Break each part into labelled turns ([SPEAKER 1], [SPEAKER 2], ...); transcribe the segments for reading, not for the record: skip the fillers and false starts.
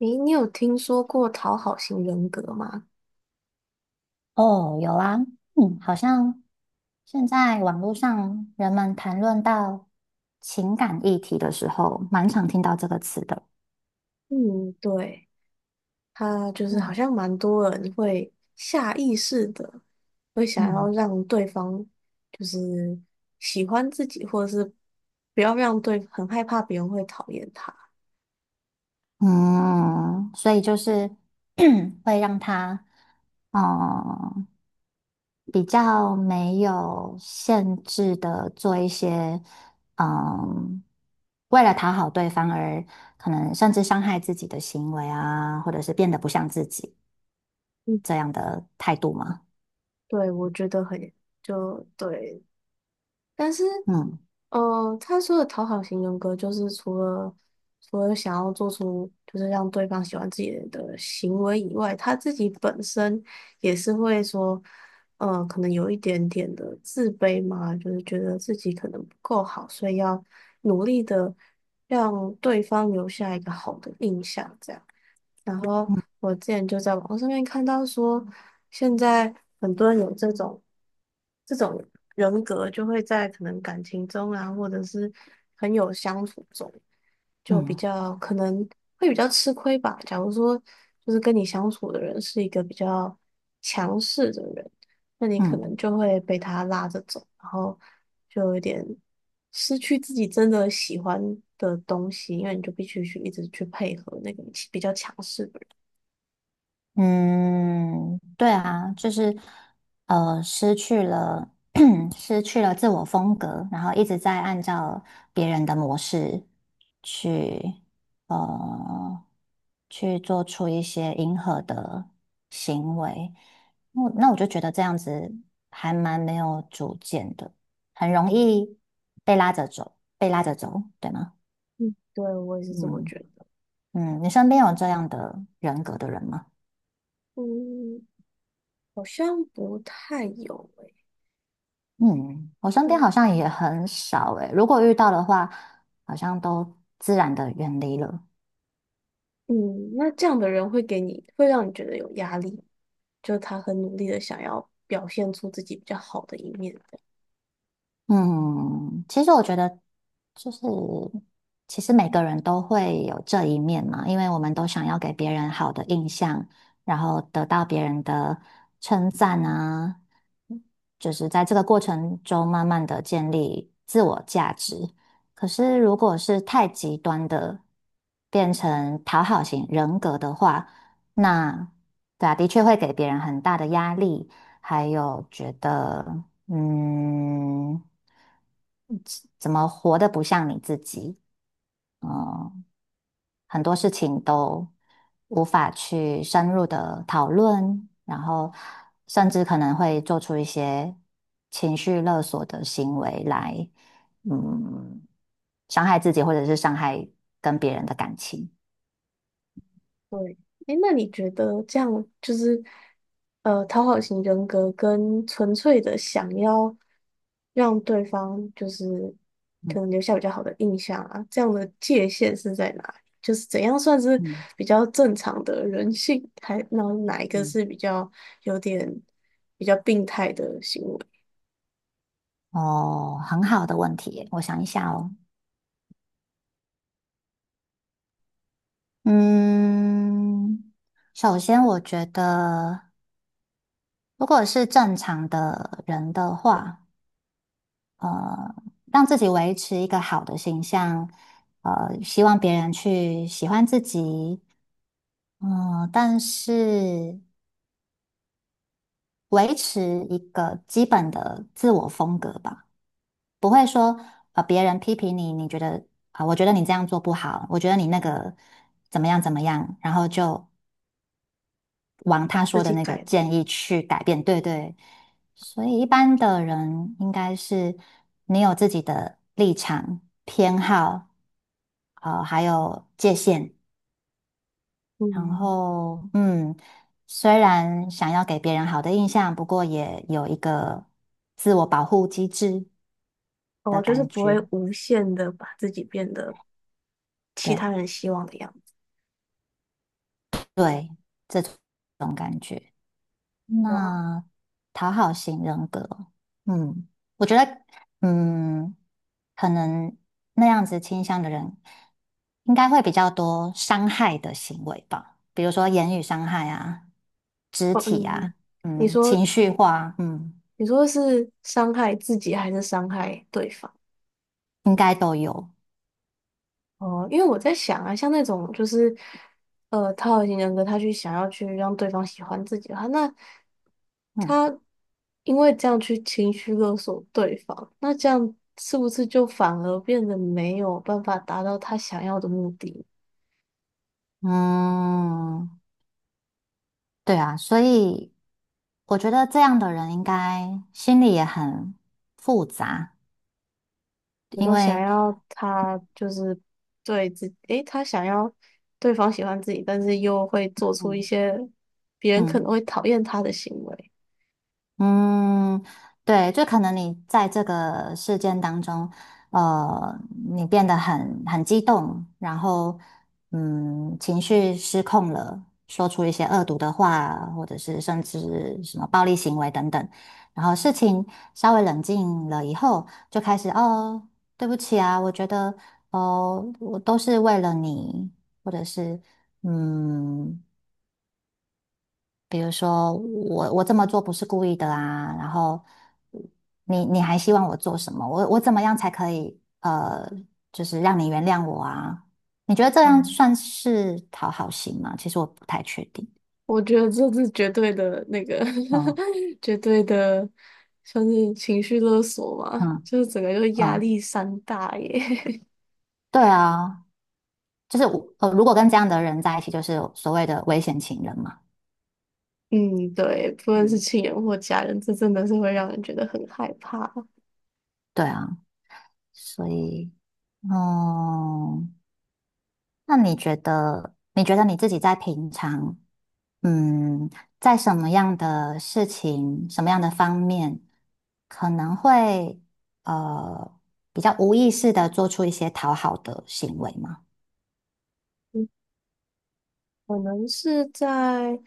[SPEAKER 1] 诶，你有听说过讨好型人格吗？
[SPEAKER 2] 哦，有啊。好像现在网络上人们谈论到情感议题的时候，蛮常听到这个词的。
[SPEAKER 1] 嗯，对，他就是好
[SPEAKER 2] 嗯，
[SPEAKER 1] 像蛮多人会下意识的会想要
[SPEAKER 2] 嗯
[SPEAKER 1] 让对方就是喜欢自己，或者是不要让对，很害怕别人会讨厌他。
[SPEAKER 2] 嗯，所以就是 会让他嗯比较没有限制的做一些，嗯，为了讨好对方而可能甚至伤害自己的行为啊，或者是变得不像自己
[SPEAKER 1] 嗯，
[SPEAKER 2] 态度嘛。
[SPEAKER 1] 对，我觉得很，就对，但是，
[SPEAKER 2] 嗯
[SPEAKER 1] 他说的讨好型人格就是除了想要做出就是让对方喜欢自己的行为以外，他自己本身也是会说，可能有一点点的自卑嘛，就是觉得自己可能不够好，所以要努力的让对方留下一个好的印象，这样。然后我之前就在网络上面看到说，现在很多人有这种人格，就会在可能感情中啊，或者是很有相处中，就比
[SPEAKER 2] 嗯
[SPEAKER 1] 较可能会比较吃亏吧。假如说就是跟你相处的人是一个比较强势的人，那你可能
[SPEAKER 2] 嗯。
[SPEAKER 1] 就会被他拉着走，然后就有点失去自己真的喜欢的东西，因为你就必须去一直去配合那个比较强势的人。
[SPEAKER 2] 嗯，对啊，就是失去了 失去了自我风格，然后一直在按照别人的模式去呃去做出一些迎合的行为，那我就觉得这样子还蛮没有主见的，很容易被拉着走，被拉着走，对吗？
[SPEAKER 1] 嗯，对，我也是这么觉
[SPEAKER 2] 嗯。
[SPEAKER 1] 得。
[SPEAKER 2] 嗯，你身边有这样的人格的人吗？
[SPEAKER 1] 嗯，好像不太有诶、
[SPEAKER 2] 嗯，我身边
[SPEAKER 1] 对，
[SPEAKER 2] 好像也很少诶，如果遇到的话，好像都自然的远离了。
[SPEAKER 1] 嗯，那这样的人会给你，会让你觉得有压力，就是他很努力的想要表现出自己比较好的一面。
[SPEAKER 2] 嗯，其实我觉得就是，其实每个人都会有这一面嘛，因为我们都想要给别人好的印象，然后得到别人的称赞啊，就是在这个过程中慢慢的建立自我价值。可是如果是太极端的，变成讨好型人格的话，那，对啊，的确会给别人很大的压力。还有觉得，嗯，怎么活得不像你自己，很多事情都无法去深入的讨论，然后甚至可能会做出一些情绪勒索的行为来，嗯，伤害自己或者是伤害跟别人的感情。
[SPEAKER 1] 对，哎，那你觉得这样就是，讨好型人格跟纯粹的想要让对方就是可
[SPEAKER 2] 嗯
[SPEAKER 1] 能留下比较好的印象啊，这样的界限是在哪里？就是怎样算是
[SPEAKER 2] 嗯。
[SPEAKER 1] 比较正常的人性，还然后哪一个
[SPEAKER 2] 嗯。
[SPEAKER 1] 是比较有点比较病态的行为，
[SPEAKER 2] 哦，很好的问题耶，我想一下哦。嗯，首先我觉得，如果是正常的人的话，呃，让自己维持一个好的形象，希望别人去喜欢自己，嗯、但是维持一个基本的自我风格吧，不会说，别人批评你，你觉得啊、我觉得你这样做不好，我觉得你那个怎么样怎么样，然后就往
[SPEAKER 1] 把
[SPEAKER 2] 他
[SPEAKER 1] 自
[SPEAKER 2] 说的
[SPEAKER 1] 己
[SPEAKER 2] 那个
[SPEAKER 1] 改了，
[SPEAKER 2] 建议去改变。对对，所以一般的人应该是你有自己的立场、偏好，还有界限。然
[SPEAKER 1] 嗯，
[SPEAKER 2] 后，嗯，虽然想要给别人好的印象，不过也有一个自我保护机制的
[SPEAKER 1] 哦，就是
[SPEAKER 2] 感
[SPEAKER 1] 不会
[SPEAKER 2] 觉。
[SPEAKER 1] 无限的把自己变得其
[SPEAKER 2] 对
[SPEAKER 1] 他人希望的样子，
[SPEAKER 2] 对，这种感觉。
[SPEAKER 1] 哇，
[SPEAKER 2] 那讨好型人格，嗯，我觉得，嗯，可能那样子倾向的人，应该会比较多伤害的行为吧，比如说言语伤害啊、肢
[SPEAKER 1] 哦，
[SPEAKER 2] 体
[SPEAKER 1] 嗯。
[SPEAKER 2] 啊，
[SPEAKER 1] 你
[SPEAKER 2] 嗯，
[SPEAKER 1] 说
[SPEAKER 2] 情绪化。嗯，
[SPEAKER 1] 你说是伤害自己还是伤害对方？
[SPEAKER 2] 应该都有。
[SPEAKER 1] 哦，因为我在想啊，像那种就是，讨好型人格，他去想要去让对方喜欢自己的话，那
[SPEAKER 2] 嗯
[SPEAKER 1] 他因为这样去情绪勒索对方，那这样是不是就反而变得没有办法达到他想要的目的？
[SPEAKER 2] 嗯，对啊，所以我觉得这样的人应该心里也很复杂，
[SPEAKER 1] 你
[SPEAKER 2] 因
[SPEAKER 1] 都想
[SPEAKER 2] 为，
[SPEAKER 1] 要他就是对自己，诶，他想要对方喜欢自己，但是又会做出一些别人可能
[SPEAKER 2] 嗯。
[SPEAKER 1] 会讨厌他的行为。
[SPEAKER 2] 嗯，对，就可能你在这个事件当中，呃，你变得很激动，然后，嗯，情绪失控了，说出一些恶毒的话，或者是甚至什么暴力行为等等，然后事情稍微冷静了以后，就开始哦，对不起啊，我觉得哦，我都是为了你，或者是。嗯，比如说我这么做不是故意的啊，然后你还希望我做什么？我怎么样才可以，就是让你原谅我啊？你觉得这样
[SPEAKER 1] 嗯。
[SPEAKER 2] 算是讨好型吗？其实我不太确定。
[SPEAKER 1] 我觉得这是绝对的那个
[SPEAKER 2] 嗯
[SPEAKER 1] 绝对的，算是情绪勒索嘛，
[SPEAKER 2] 嗯
[SPEAKER 1] 就是整个就是压
[SPEAKER 2] 嗯。
[SPEAKER 1] 力山大耶。
[SPEAKER 2] 对啊，就是我，如果跟这样的人在一起，就是所谓的危险情人嘛。
[SPEAKER 1] 嗯，对，不论是
[SPEAKER 2] 嗯，
[SPEAKER 1] 亲人或家人，这真的是会让人觉得很害怕。
[SPEAKER 2] 对啊，所以，嗯，那你觉得你自己在平常？嗯，在什么样的事情、什么样的方面，可能会呃比较无意识的做出一些讨好的行为嘛？
[SPEAKER 1] 嗯，可能是在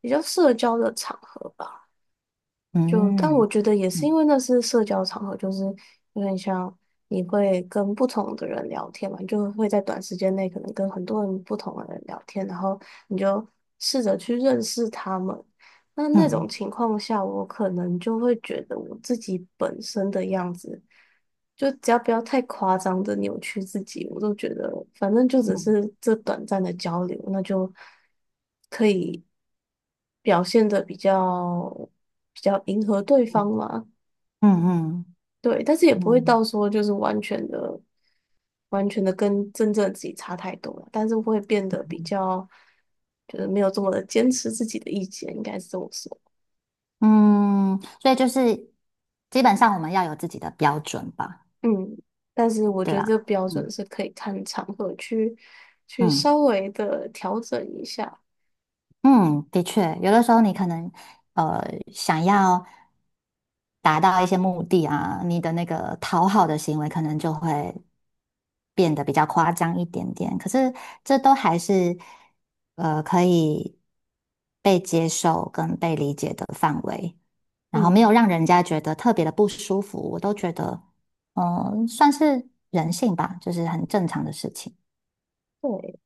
[SPEAKER 1] 比较社交的场合吧。就，但我
[SPEAKER 2] 嗯
[SPEAKER 1] 觉得也是因
[SPEAKER 2] 嗯
[SPEAKER 1] 为那是社交场合，就是有点像你会跟不同的人聊天嘛，你就会在短时间内可能跟很多人不同的人聊天，然后你就试着去认识他们。那那种
[SPEAKER 2] 嗯
[SPEAKER 1] 情况下，我可能就会觉得我自己本身的样子，就只要不要太夸张的扭曲自己，我都觉得反正就只
[SPEAKER 2] 嗯
[SPEAKER 1] 是这短暂的交流，那就表现的比较迎合对方
[SPEAKER 2] 嗯
[SPEAKER 1] 嘛。
[SPEAKER 2] 嗯嗯
[SPEAKER 1] 对，但是也不会到说就是完全的、完全的跟真正的自己差太多了，但是会变得比较就是没有这么的坚持自己的意见，应该是这么说。
[SPEAKER 2] 嗯，嗯，所以就是基本上我们要有自己的标准吧，
[SPEAKER 1] 嗯，但是我
[SPEAKER 2] 对
[SPEAKER 1] 觉得
[SPEAKER 2] 吧？
[SPEAKER 1] 这个标准
[SPEAKER 2] 嗯
[SPEAKER 1] 是可以看场合去稍
[SPEAKER 2] 嗯。
[SPEAKER 1] 微的调整一下。
[SPEAKER 2] 嗯，的确，有的时候你可能呃想要达到一些目的啊，你的那个讨好的行为可能就会变得比较夸张一点点。可是这都还是可以被接受跟被理解的范围，然后
[SPEAKER 1] 嗯，
[SPEAKER 2] 没有让人家觉得特别的不舒服，我都觉得嗯、算是人性吧，就是很正常的事情。
[SPEAKER 1] 对。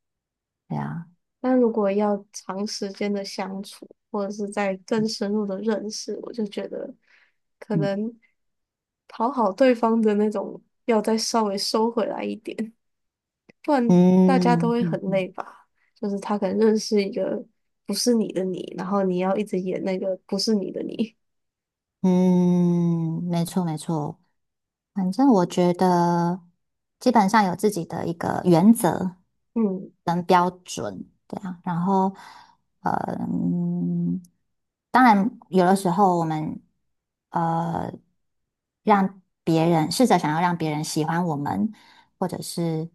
[SPEAKER 2] 对啊。
[SPEAKER 1] 但如果要长时间的相处，或者是在更深入的认识，我就觉得可
[SPEAKER 2] 嗯
[SPEAKER 1] 能讨好对方的那种要再稍微收回来一点，大家都
[SPEAKER 2] 嗯
[SPEAKER 1] 会很
[SPEAKER 2] 嗯。
[SPEAKER 1] 累
[SPEAKER 2] 嗯
[SPEAKER 1] 吧。就是他可能认识一个不是你的你，然后你要一直演那个不是你的你。
[SPEAKER 2] 嗯，没错没错，反正我觉得基本上有自己的一个原则，
[SPEAKER 1] 嗯，
[SPEAKER 2] 对啊，然后，呃，嗯，当然有的时候我们呃让别人试着想要让别人喜欢我们，或者是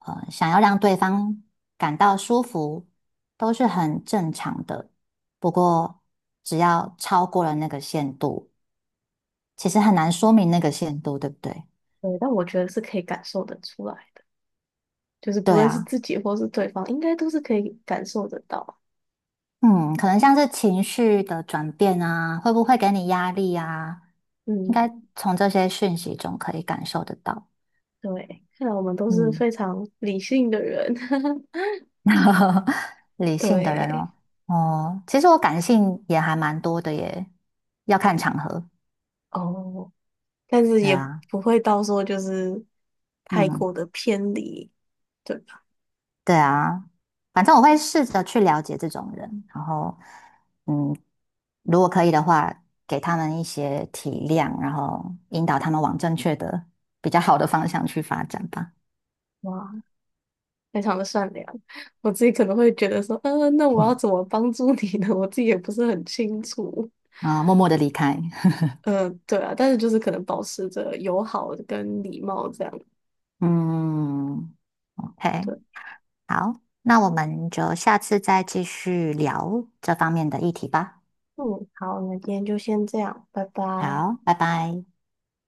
[SPEAKER 2] 想要让对方感到舒服，都是很正常的。不过只要超过了那个限度。其实很难说明那个限度，对不对？
[SPEAKER 1] 对，但我觉得是可以感受得出来的，就是不
[SPEAKER 2] 对
[SPEAKER 1] 论是
[SPEAKER 2] 啊，
[SPEAKER 1] 自己或是对方，应该都是可以感受得到。
[SPEAKER 2] 嗯，可能像是情绪的转变啊，会不会给你压力啊？应
[SPEAKER 1] 嗯，
[SPEAKER 2] 该从这些讯息中可以感受得到。
[SPEAKER 1] 对，看来我们都是
[SPEAKER 2] 嗯，
[SPEAKER 1] 非常理性的人。
[SPEAKER 2] 理性的人
[SPEAKER 1] 对，
[SPEAKER 2] 哦。哦，其实我感性也还蛮多的耶，要看场合。
[SPEAKER 1] 哦，但是
[SPEAKER 2] 对
[SPEAKER 1] 也
[SPEAKER 2] 啊。
[SPEAKER 1] 不会到说就是太
[SPEAKER 2] 嗯，
[SPEAKER 1] 过的偏离，对吧？
[SPEAKER 2] 对啊，反正我会试着去了解这种人，然后，嗯，如果可以的话，给他们一些体谅，然后引导他们往正确的、比较好的方向去发展吧。
[SPEAKER 1] 哇，非常的善良，我自己可能会觉得说，嗯，那我要怎么帮助你呢？我自己也不是很清楚。
[SPEAKER 2] 啊、默默的离开。
[SPEAKER 1] 对啊，但是就是可能保持着友好跟礼貌这样。
[SPEAKER 2] 嗯，OK,
[SPEAKER 1] 对，
[SPEAKER 2] 好，那我们就下次再继续聊这方面的议题吧。
[SPEAKER 1] 嗯，好，那今天就先这样，拜拜。
[SPEAKER 2] 好，拜拜。